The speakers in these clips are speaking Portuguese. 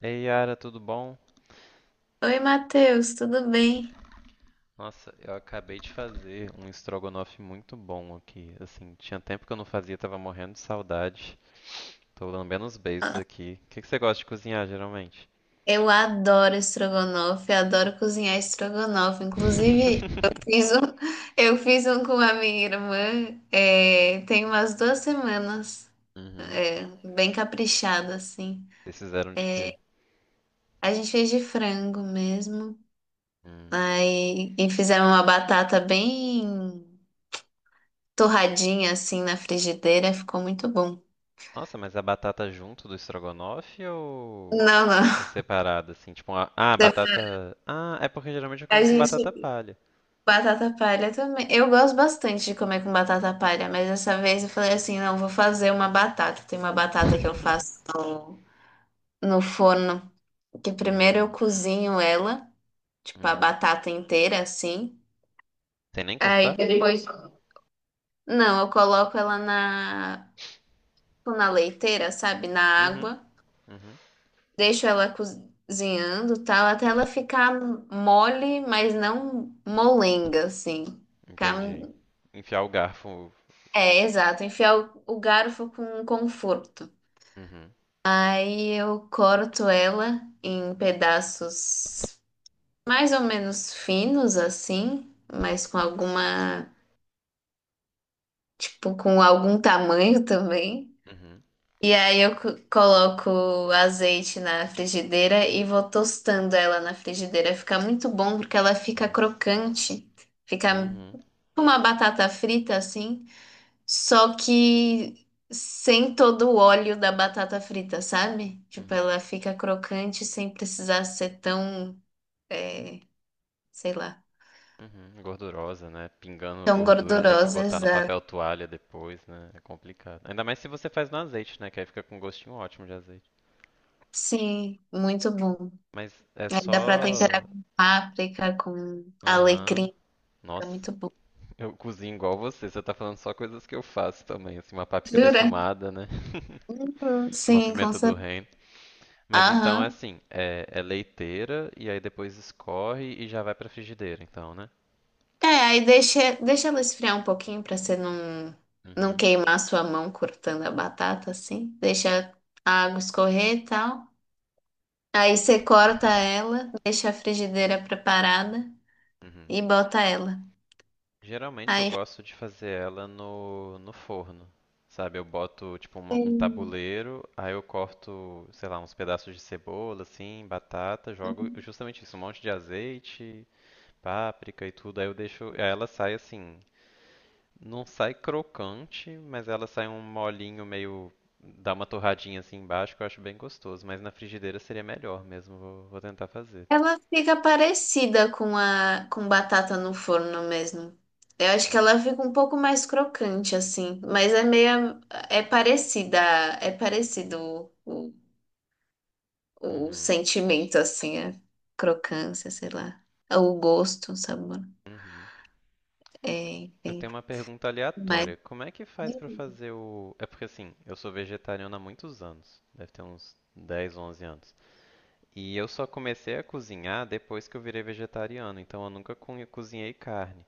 Ei, Yara, tudo bom? Oi, Matheus, tudo bem? Nossa, eu acabei de fazer um estrogonofe muito bom aqui. Assim, tinha tempo que eu não fazia, tava morrendo de saudade. Tô lambendo os beiços aqui. O que que você gosta de cozinhar, geralmente? Eu adoro estrogonofe, adoro cozinhar estrogonofe. Inclusive, eu fiz um com a minha irmã, tem umas duas semanas, Uhum. é, bem caprichado, assim. Vocês fizeram de quê? A gente fez de frango mesmo, Hum. aí, e fizemos uma batata bem torradinha, assim, na frigideira, ficou muito bom. Nossa, mas a batata junto do estrogonofe ou... Não, ou não, separada, assim? Tipo, uma, ah, batata. Ah, é porque geralmente eu a como com batata gente palha. Batata palha também. Eu gosto bastante de comer com batata palha, mas dessa vez eu falei assim, não, vou fazer uma batata. Tem uma batata que eu faço no forno, que primeiro eu Hum. cozinho ela, tipo a Uhum. batata inteira assim. Sem nem Aí cortar? depois, não, eu coloco ela na leiteira, sabe, na Uhum. água, deixo ela cozinhando, tal, até ela ficar mole, mas não molenga assim. Ficar- Entendi. Enfiar o garfo. É, exato. Enfiar o garfo com conforto. Uhum, Aí eu corto ela em pedaços mais ou menos finos assim, mas com alguma, tipo, com algum tamanho também. uhum. E aí eu coloco azeite na frigideira e vou tostando ela na frigideira. Fica muito bom porque ela fica Nossa. crocante. Fica Uhum, tipo, uma batata frita assim. Só que sem todo o óleo da batata frita, sabe? Tipo, uhum, ela fica crocante sem precisar ser tão, é, sei lá, uhum. Gordurosa, né? Pingando tão gordura, ter que gordurosa, botar no exato. papel toalha depois, né? É complicado. Ainda mais se você faz no azeite, né? Que aí fica com um gostinho ótimo de azeite. Sim, muito bom. Mas é Aí dá pra só. temperar com páprica, com Aham. alecrim, fica Nossa, muito bom. eu cozinho igual você. Você tá falando só coisas que eu faço também. Assim, uma páprica Jura? defumada, né? Uhum. Uma Sim, com pimenta do certeza. reino. Mas então é Aham. assim, é leiteira e aí depois escorre e já vai pra frigideira, então, né? É, aí deixa ela esfriar um pouquinho pra você não, não Uhum, queimar a sua mão cortando a batata, assim. Deixa a água escorrer e tal. Aí você corta ela, deixa a frigideira preparada uhum. e bota ela. Geralmente eu Aí gosto de fazer ela no forno, sabe? Eu boto tipo um Sim. tabuleiro, aí eu corto, sei lá, uns pedaços de cebola, assim, batata, jogo justamente isso, um monte de azeite, páprica e tudo, aí eu deixo, aí ela sai assim. Não sai crocante, mas ela sai um molinho meio. Dá uma torradinha assim embaixo que eu acho bem gostoso. Mas na frigideira seria melhor mesmo. Vou tentar fazer. Ela fica parecida com a com batata no forno mesmo. Eu acho que Hum. ela fica um pouco mais crocante assim, mas é meio é parecida, é parecido o Uhum. sentimento assim, a crocância, sei lá, o gosto, o sabor. Uhum. É, Eu enfim, tenho uma pergunta mas aleatória. Como é que faz pra fazer o. É porque assim, eu sou vegetariano há muitos anos. Deve ter uns 10, 11 anos. E eu só comecei a cozinhar depois que eu virei vegetariano. Então eu nunca cozinhei carne.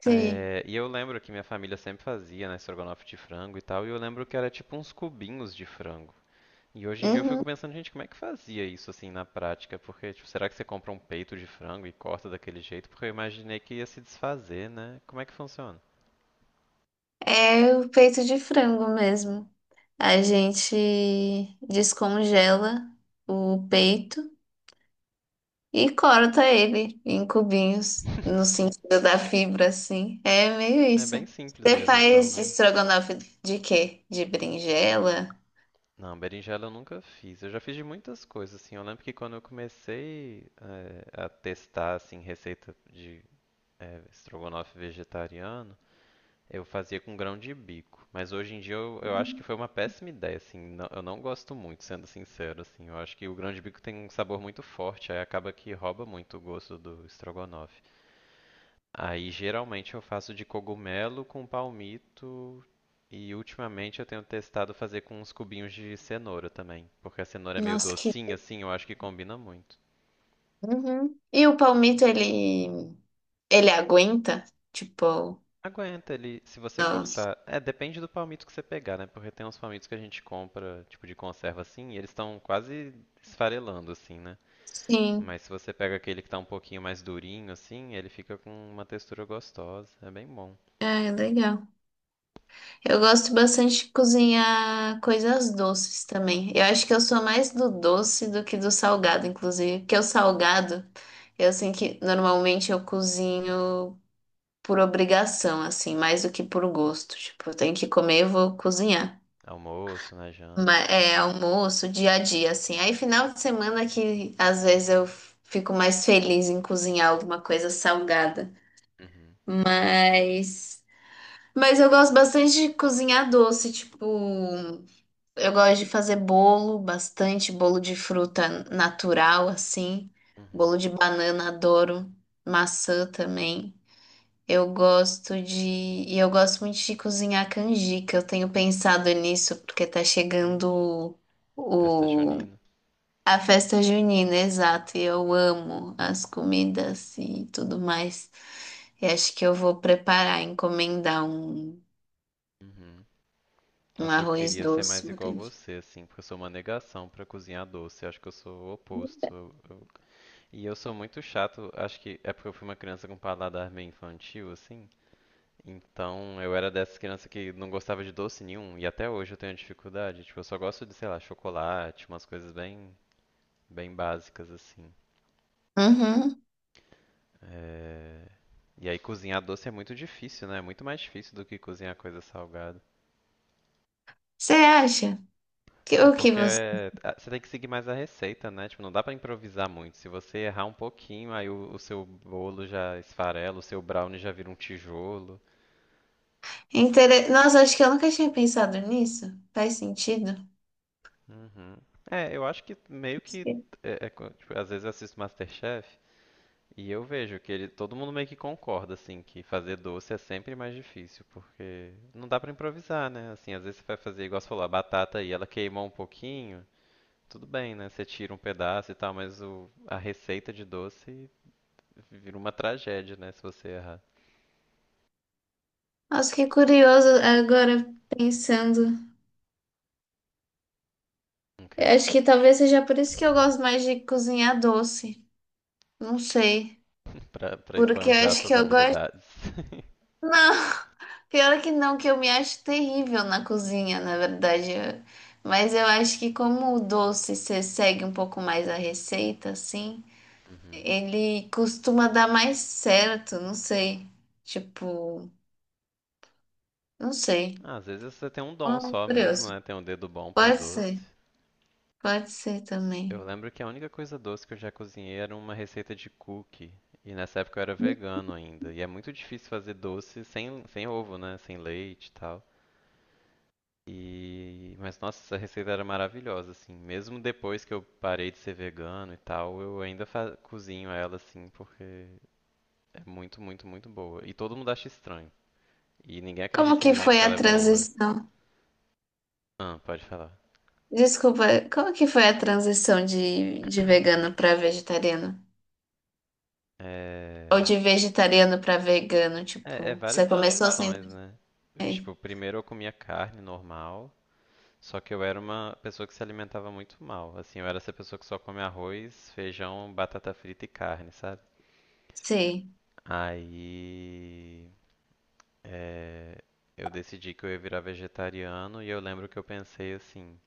Sim. É, e eu lembro que minha família sempre fazia, né, estrogonofe de frango e tal, e eu lembro que era tipo uns cubinhos de frango. E hoje em dia eu fico Uhum. pensando, gente, como é que fazia isso assim na prática? Porque, tipo, será que você compra um peito de frango e corta daquele jeito? Porque eu imaginei que ia se desfazer, né? Como é que funciona? É o peito de frango mesmo. A gente descongela o peito e corta ele em cubinhos, no Enfim, sentido da fibra, assim. É meio é isso. bem simples Você mesmo então, faz né? estrogonofe de quê? De berinjela? Não, berinjela eu nunca fiz. Eu já fiz de muitas coisas, assim. Eu lembro que quando eu comecei a testar, assim, receita de estrogonofe vegetariano, eu fazia com grão de bico, mas hoje em dia eu acho que foi uma péssima ideia, assim, eu não gosto muito, sendo sincero, assim, eu acho que o grão de bico tem um sabor muito forte, aí acaba que rouba muito o gosto do estrogonofe. Aí geralmente eu faço de cogumelo com palmito e ultimamente eu tenho testado fazer com uns cubinhos de cenoura também, porque a cenoura é meio Nossa, que. docinha, assim, eu acho que combina muito. Uhum. E o palmito, ele aguenta? Tipo, Aguenta ele, se você cortar. É, depende do palmito que você pegar, né? Porque tem uns palmitos que a gente compra, tipo de conserva assim, e eles estão quase esfarelando assim, né? sim. Mas se você pega aquele que tá um pouquinho mais durinho assim, ele fica com uma textura gostosa. É bem bom. É, legal. Eu gosto bastante de cozinhar coisas doces também. Eu acho que eu sou mais do doce do que do salgado, inclusive. Porque o salgado, eu sei que normalmente eu cozinho por obrigação, assim, mais do que por gosto. Tipo, eu tenho que comer, eu vou cozinhar. Almoço, na janta. Mas é almoço, dia a dia, assim. Aí final de semana que às vezes eu fico mais feliz em cozinhar alguma coisa salgada. Uhum. Mas. Mas eu gosto bastante de cozinhar doce, tipo. Eu gosto de fazer bolo, bastante bolo de fruta natural, assim. Bolo Uhum. de banana, adoro. Maçã também. Eu gosto de. E eu gosto muito de cozinhar canjica. Eu tenho pensado nisso, porque tá Gente, chegando festa o... junina. a festa junina, exato. E eu amo as comidas e tudo mais. E acho que eu vou preparar, encomendar um, Uhum. um Nossa, eu arroz queria ser doce. mais igual você, assim, porque eu sou uma negação pra cozinhar doce. Eu acho que eu sou o oposto. Eu E eu sou muito chato, acho que é porque eu fui uma criança com paladar bem infantil, assim. Então eu era dessas crianças que não gostava de doce nenhum, e até hoje eu tenho dificuldade. Tipo, eu só gosto de, sei lá, chocolate, umas coisas bem, bem básicas, assim. Uhum. É... E aí cozinhar doce é muito difícil, né? É muito mais difícil do que cozinhar coisa salgada. Você acha? Que- Ah, é O que porque você ah, você tem que seguir mais a receita, né? Tipo, não dá pra improvisar muito. Se você errar um pouquinho, aí o seu bolo já esfarela, o seu brownie já vira um tijolo. Intere- Nossa, acho que eu nunca tinha pensado nisso. Faz sentido? Uhum. É, eu acho que meio Acho que que- tipo, às vezes eu assisto MasterChef e eu vejo que ele, todo mundo meio que concorda assim que fazer doce é sempre mais difícil, porque não dá pra improvisar, né? Assim, às vezes você vai fazer igual você falou, a batata e ela queimou um pouquinho, tudo bem, né? Você tira um pedaço e tal, mas a receita de doce vira uma tragédia, né, se você errar. Nossa, que curioso agora pensando. O quê? Eu acho que talvez seja por isso que eu gosto mais de cozinhar doce. Não sei. Pra Porque eu esbanjar acho que suas eu gosto. habilidades. Não, pior que não, que eu me acho terrível na cozinha, na verdade. Eu- Mas eu acho que como o doce você segue um pouco mais a receita, assim, Uhum. ele costuma dar mais certo, não sei. Tipo, não sei. Ah, às vezes você tem um dom Ah, só mesmo, curioso. né? Tem um dedo bom pra Pode ser, doce. pode ser Eu também. lembro que a única coisa doce que eu já cozinhei era uma receita de cookie. E nessa época eu era vegano ainda. E é muito difícil fazer doce sem ovo, né? Sem leite e tal. Mas nossa, essa receita era maravilhosa, assim. Mesmo depois que eu parei de ser vegano e tal, eu ainda cozinho ela, assim, porque é muito, muito, muito boa. E todo mundo acha estranho. E ninguém Como acredita em que mim foi porque ela a é boa. transição? Ah, pode falar. Desculpa, como que foi a transição de vegano para vegetariano? Ou É, de vegetariano para vegano, é tipo, várias você começou transições, sempre. né? Bem? Tipo, primeiro eu comia carne normal. Só que eu era uma pessoa que se alimentava muito mal. Assim, eu era essa pessoa que só come arroz, feijão, batata frita e carne, sabe? Sim, Aí, é, eu decidi que eu ia virar vegetariano e eu lembro que eu pensei assim,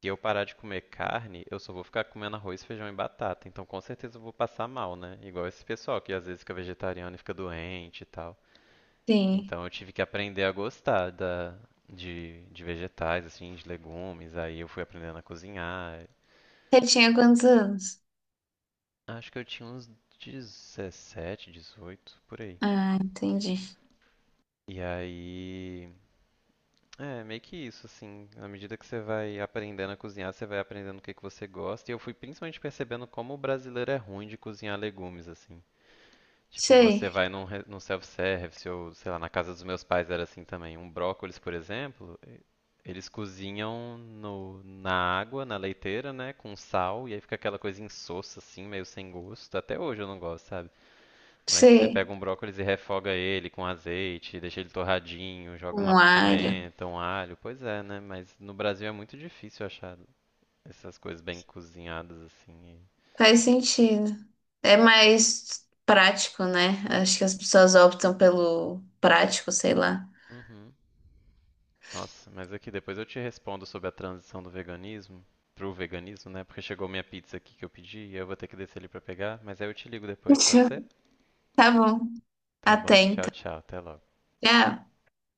se eu parar de comer carne, eu só vou ficar comendo arroz, feijão e batata, então com certeza eu vou passar mal, né? Igual esse pessoal que às vezes fica vegetariano e fica doente e tal. sim. Então eu tive que aprender a gostar de vegetais, assim, de legumes, aí eu fui aprendendo a cozinhar. Você tinha quantos anos? Acho que eu tinha uns 17, 18 por aí. Ah, entendi. E aí. É, meio que isso, assim. À medida que você vai aprendendo a cozinhar, você vai aprendendo o que que você gosta. E eu fui principalmente percebendo como o brasileiro é ruim de cozinhar legumes, assim. Tipo, você Sei, vai num self-service ou, sei lá, na casa dos meus pais era assim também. Um brócolis, por exemplo, eles cozinham no, na água, na leiteira, né, com sal, e aí fica aquela coisa insossa, assim, meio sem gosto. Até hoje eu não gosto, sabe? Mas se você pega sei. um brócolis e refoga ele com azeite, deixa ele torradinho, joga uma Um alho. pimenta, um alho, pois é, né? Mas no Brasil é muito difícil achar essas coisas bem cozinhadas assim. Faz sentido. É mais prático, né? Acho que as pessoas optam pelo prático, sei lá. Uhum. Nossa, mas aqui depois eu te respondo sobre a transição do veganismo pro veganismo, né? Porque chegou minha pizza aqui que eu pedi e eu vou ter que descer ali pra pegar, mas aí eu te ligo depois, pode Tchau. ser? Tá bom. Tá bom, tchau, Atenta tchau, até logo. é.